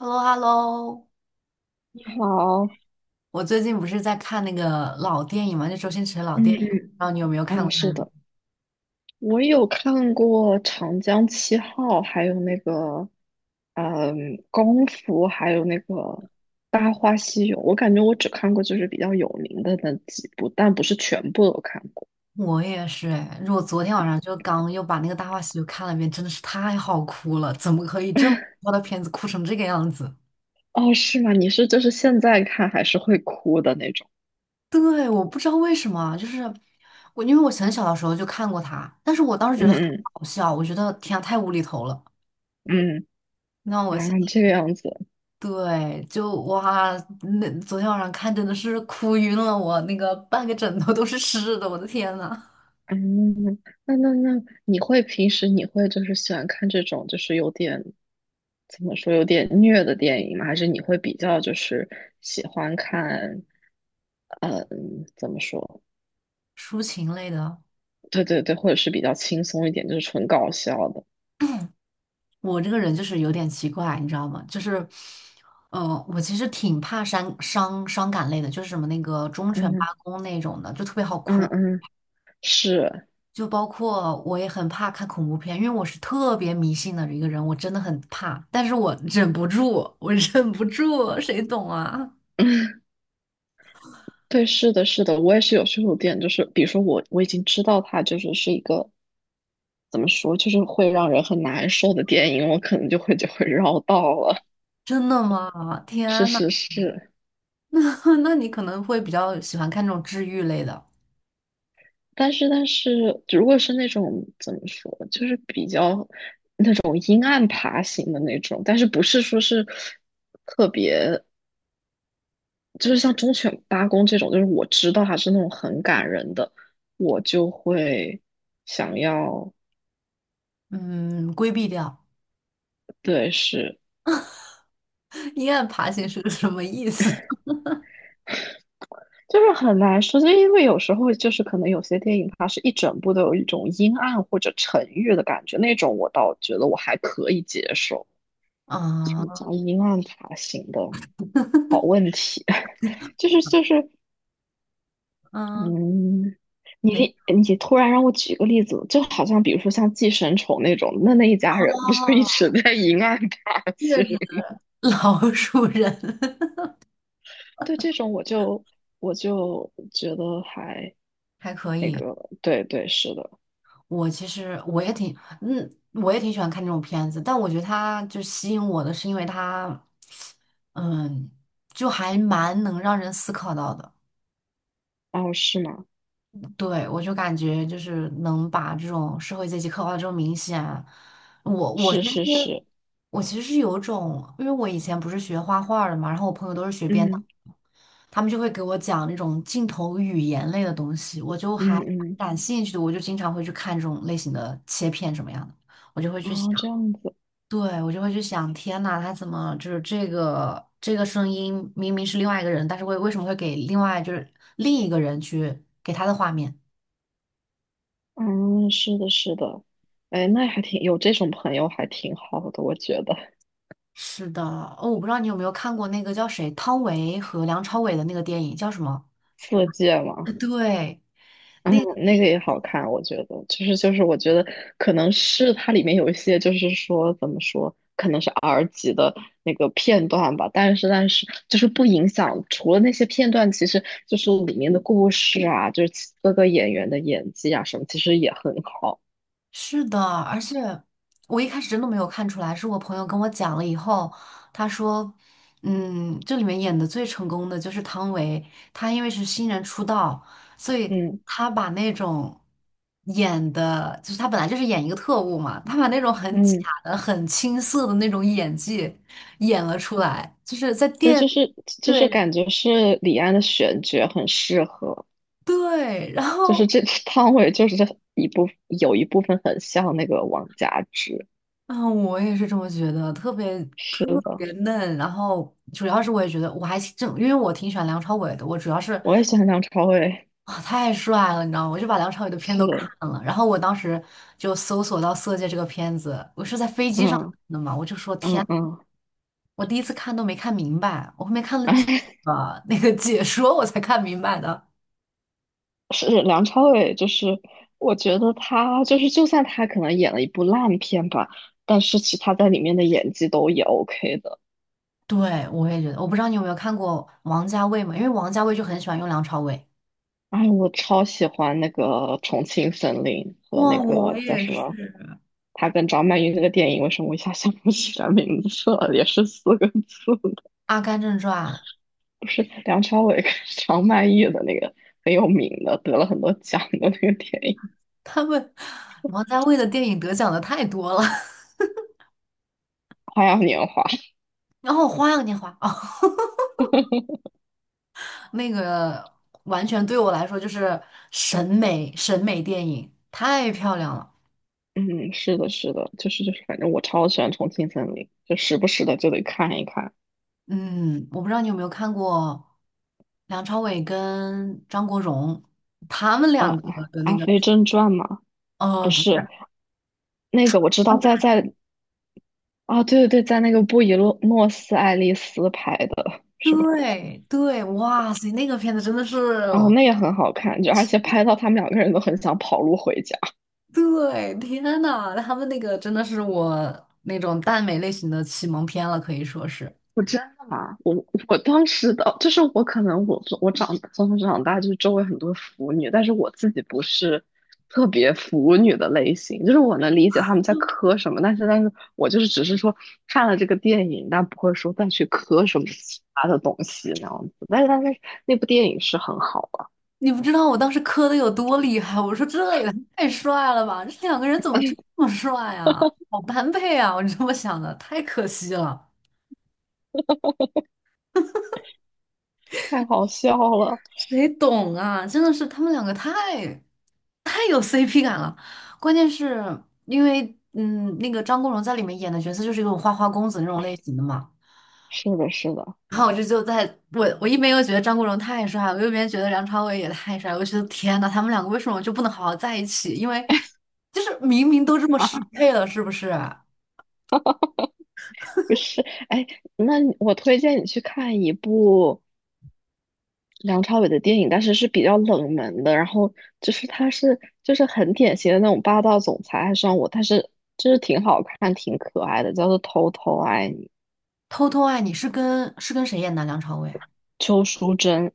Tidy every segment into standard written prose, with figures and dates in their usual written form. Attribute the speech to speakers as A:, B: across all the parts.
A: h e l l o h e l l o
B: 你好。
A: 我最近不是在看那个老电影嘛，就周星驰的老
B: 嗯
A: 电影，不知
B: 嗯，
A: 道你有没有看过他
B: 是
A: 的？
B: 的，我有看过《长江七号》，还有那个，嗯，《功夫》，还有那个《大话西游》。我感觉我只看过就是比较有名的那几部，但不是全部都看过。
A: 我也是哎，我昨天晚上就刚又把那个《大话西游》看了一遍，真的是太好哭了！怎么可以这么 糟的片子哭成这个样子？
B: 哦，是吗？你是就是现在看还是会哭的那种？
A: 对，我不知道为什么啊，就是我，因为我很小的时候就看过他，但是我当时觉
B: 嗯
A: 得很
B: 嗯
A: 好笑，我觉得天啊，太无厘头了。
B: 嗯。
A: 那我现在
B: 这个样子。
A: 对，就哇，那昨天晚上看真的是哭晕了我，那个半个枕头都是湿的，我的天呐！
B: 嗯，那那那，你会平时你会就是喜欢看这种就是有点怎么说有点虐的电影吗？还是你会比较就是喜欢看，嗯，怎么说？
A: 抒情类的。
B: 对对对，或者是比较轻松一点，就是纯搞笑的。
A: 我这个人就是有点奇怪，你知道吗？就是，我其实挺怕伤感类的，就是什么那个忠犬
B: 嗯
A: 八公那种的，就特别好
B: 嗯
A: 哭。
B: 嗯，是，
A: 就包括我也很怕看恐怖片，因为我是特别迷信的一个人，我真的很怕，但是我忍不住，我忍不住，谁懂啊？
B: 对，是的，是的，我也是有时候有点就是，比如说我已经知道它就是是一个怎么说，就是会让人很难受的电影，我可能就会绕道了。
A: 真的吗？
B: 是
A: 天呐，
B: 是是。
A: 那那你可能会比较喜欢看这种治愈类的，
B: 但是如果是那种怎么说，就是比较那种阴暗爬行的那种，但是不是说是特别，就是像忠犬八公这种，就是我知道它是那种很感人的，我就会想要，
A: 嗯，规避掉。
B: 对，是。
A: 阴暗爬行是个什么意思？
B: 就是很难说，就因为有时候就是可能有些电影它是一整部都有一种阴暗或者沉郁的感觉，那种我倒觉得我还可以接受。什么
A: 啊、
B: 叫阴暗爬行的好问题？就是，
A: 嗯，
B: 嗯，
A: 哪
B: 你突然让我举个例子，就好像比如说像寄生虫那种，那一家人
A: 哦，
B: 不就一直在阴暗爬
A: 这个
B: 行？
A: 是 老鼠人。
B: 对这种我就觉得还
A: 还可
B: 那
A: 以。
B: 个，对对是的，
A: 我其实我也挺，我也挺喜欢看这种片子，但我觉得它就吸引我的是因为它，嗯，就还蛮能让人思考到的。
B: 哦是吗？
A: 对，我就感觉就是能把这种社会阶级刻画的这么明显啊。
B: 是是是，
A: 我其实是有种，因为我以前不是学画画的嘛，然后我朋友都是学编。导。
B: 嗯
A: 他们就会给我讲那种镜头语言类的东西，我就
B: 嗯
A: 还
B: 嗯，
A: 感兴趣的，我就经常会去看这种类型的切片什么样的，我就会去
B: 啊、
A: 想，
B: 这样子，
A: 对，我就会去想，天呐，他怎么就是这个声音明明是另外一个人，但是为什么会给另外就是另一个人去给他的画面？
B: 嗯是的是的，哎那还挺有这种朋友还挺好的，我觉得
A: 是的，哦，我不知道你有没有看过那个叫谁汤唯和梁朝伟的那个电影叫什么？
B: 色戒
A: 呃
B: 嘛。
A: 对，那。
B: 那个也好看，我觉得我觉得可能是它里面有一些就是说怎么说，可能是 R 级的那个片段吧，但是就是不影响，除了那些片段，其实就是里面的故事啊，就是其各个演员的演技啊什么，其实也很好。
A: 是的，而且我一开始真的没有看出来，是我朋友跟我讲了以后，他说，嗯，这里面演的最成功的就是汤唯，她因为是新人出道，所以
B: 嗯
A: 她把那种演的，就是她本来就是演一个特务嘛，她把那种很假
B: 嗯，
A: 的、很青涩的那种演技演了出来，就是在
B: 对，
A: 电，
B: 就是
A: 对
B: 感觉是李安的选角很适合，
A: 对，然
B: 就是
A: 后。
B: 这 汤唯就是这一部有一部分很像那个王佳芝。
A: 啊，我也是这么觉得，特别
B: 是
A: 特别
B: 的。
A: 嫩。然后主要是我也觉得，我还正因为我挺喜欢梁朝伟的，我主要是
B: 我也喜欢梁朝伟，
A: 啊太帅了，你知道吗？我就把梁朝伟的片
B: 是，
A: 都看了。然后我当时就搜索到《色戒》这个片子，我是在飞机上看
B: 嗯
A: 的嘛，我就说
B: 嗯
A: 天，
B: 嗯，
A: 我第一次看都没看明白，我后面看了几 个那个解说我才看明白的。
B: 是梁朝伟，就是我觉得他就是，就算他可能演了一部烂片吧，但是其他在里面的演技都也 OK 的。
A: 对，我也觉得，我不知道你有没有看过王家卫嘛？因为王家卫就很喜欢用梁朝伟。
B: 哎，我超喜欢那个《重庆森林》和
A: 哇，
B: 那个
A: 我
B: 叫
A: 也
B: 什
A: 是。
B: 么，他跟张曼玉那个电影，为什么我一下想不起来名字了？也是四个字的，
A: 《阿甘正传》。
B: 不是梁朝伟跟张曼玉的那个很有名的，得了很多奖的那个电影
A: 他们王家卫的电影得奖的太多了，
B: 《花样年华》。
A: 然后《花样年华》哦，那个完全对我来说就是审美电影，太漂亮了。
B: 嗯，是的，是的，反正我超喜欢《重庆森林》，就时不时的就得看一看。
A: 嗯，我不知道你有没有看过梁朝伟跟张国荣他们
B: 啊，
A: 两个的那
B: 《阿
A: 个，
B: 飞正传》嘛，不
A: 不是，
B: 是那个我知道在啊，对对对，在那个布宜诺诺斯艾利斯拍的，是吧？
A: 对对，哇塞，那个片子真的是，
B: 啊，那也很好看，就而且拍到他们两个人都很想跑路回家。
A: 对，天呐，他们那个真的是我那种耽美类型的启蒙片了，可以说是。
B: 我真的吗？我我当时的就是我可能我长从小长大就是周围很多腐女，但是我自己不是特别腐女的类型，就是我能理解他们在磕什么，但是我就是只是说看了这个电影，但不会说再去磕什么其他的东西那样子。但是那部电影是很好啊，
A: 你不知道我当时磕的有多厉害，我说这也太帅了吧，这两个人怎 么这
B: 哎
A: 么帅啊？好般配啊！我这么想的，太可惜了，
B: 太好笑了。
A: 谁懂啊？真的是他们两个太有 CP 感了。关键是因为，那个张国荣在里面演的角色就是一种花花公子那种类型的嘛。
B: 是的，是的，
A: 然后我这就在我一边又觉得张国荣太帅了，我一边觉得梁朝伟也太帅了，我觉得天呐，他们两个为什么就不能好好在一起？因为就是明明都这么 适
B: 啊，
A: 配了，是不是？
B: 不是，哎，那我推荐你去看一部。梁朝伟的电影，但是是比较冷门的。然后他是就是很典型的那种霸道总裁爱上我，但是就是挺好看、挺可爱的，叫做《偷偷爱你》。
A: 偷偷爱你是跟谁演的啊？梁朝伟？
B: 邱淑贞，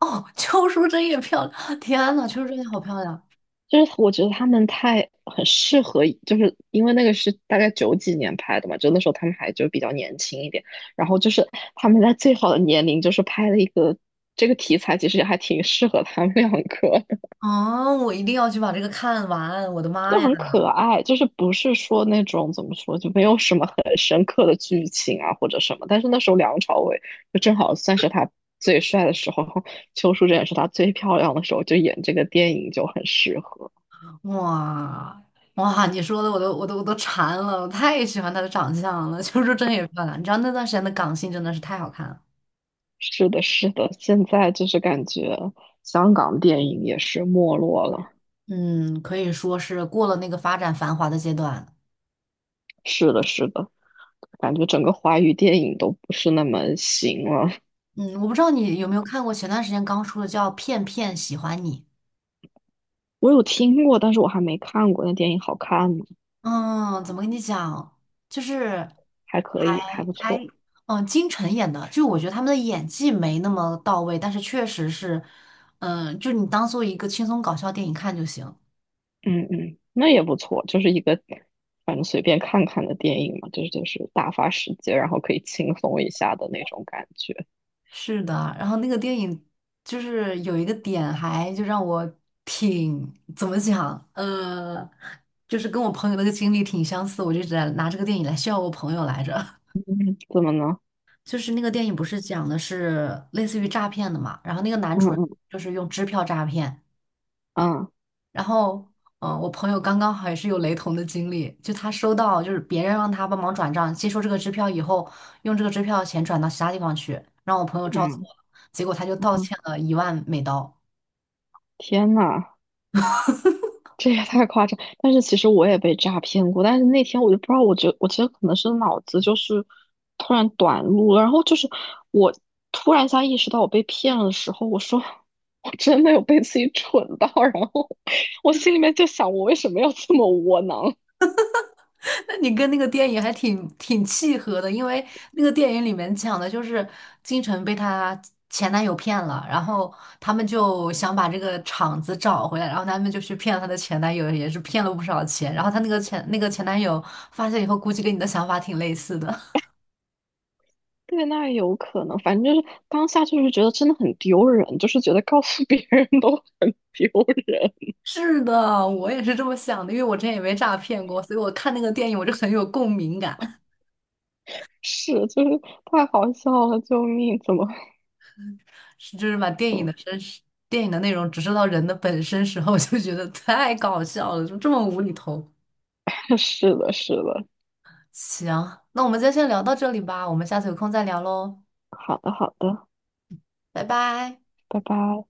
A: 哦，邱淑贞也漂亮，天呐，邱淑贞也好漂亮
B: 就是我觉得他们太很适合，就是因为那个是大概九几年拍的嘛，就那时候他们还就比较年轻一点。然后就是他们在最好的年龄，就是拍了一个这个题材，其实也还挺适合他们两个。
A: 啊！我一定要去把这个看完，我的妈
B: 就
A: 呀，
B: 很可爱，就是不是说那种怎么说，就没有什么很深刻的剧情啊或者什么。但是那时候梁朝伟就正好算是他最帅的时候，邱淑贞也是他最漂亮的时候，就演这个电影就很适合。
A: 哇！哇，你说的我都馋了，我太喜欢她的长相了，邱淑贞也漂亮。你知道那段时间的港星真的是太好看了。
B: 是的，是的，现在就是感觉香港电影也是没落了。
A: 嗯，可以说是过了那个发展繁华的阶段。
B: 是的，是的，感觉整个华语电影都不是那么行了。
A: 嗯，我不知道你有没有看过前段时间刚出的叫《片片喜欢你》。
B: 我有听过，但是我还没看过。那电影好看吗？
A: 嗯，怎么跟你讲，就是
B: 还可以，还
A: 还
B: 不错。
A: 还嗯，金晨演的，就我觉得他们的演技没那么到位，但是确实是，就你当做一个轻松搞笑电影看就行。
B: 嗯嗯，那也不错，就是一个反正随便看看的电影嘛，就是打发时间，然后可以轻松一下的那种感觉，
A: 是的，然后那个电影就是有一个点，还就让我怎么讲，就是跟我朋友那个经历挺相似，我就一直在拿这个电影来笑我朋友来着。
B: 怎么呢？
A: 就是那个电影不是讲的是类似于诈骗的嘛，然后那个男主人
B: 嗯
A: 就是用支票诈骗，
B: 嗯
A: 然后，嗯、我朋友刚刚好也是有雷同的经历，就他收到就是别人让他帮忙转账，接收这个支票以后，用这个支票钱转到其他地方去，让我朋友照做
B: 嗯
A: 了，结果他就倒
B: 嗯，
A: 欠了1万美刀。
B: 天呐，这也太夸张！但是其实我也被诈骗过，但是那天我就不知道，我觉得可能是脑子就是突然短路了，然后就是我突然一下意识到我被骗了的时候，我说我真的有被自己蠢到，然后我心里面就想，我为什么要这么窝囊？
A: 那你跟那个电影还挺契合的，因为那个电影里面讲的就是金晨被她前男友骗了，然后他们就想把这个场子找回来，然后他们就去骗了她的前男友，也是骗了不少钱。然后她那个前男友发现以后，估计跟你的想法挺类似的。
B: 对，那也有可能。反正就是当下就是觉得真的很丢人，就是觉得告诉别人都很丢人，
A: 是的，我也是这么想的，因为我之前也被诈骗过，所以我看那个电影我就很有共鸣感，
B: 是，就是太好笑了，救命！怎么，
A: 是就是把电影
B: 嗯，
A: 的真实、电影的内容直射到人的本身时候，我就觉得太搞笑了，就这么无厘头。
B: 是的，是的。
A: 行，那我们今天先聊到这里吧，我们下次有空再聊喽，
B: 好的，好的，
A: 拜拜。
B: 拜拜。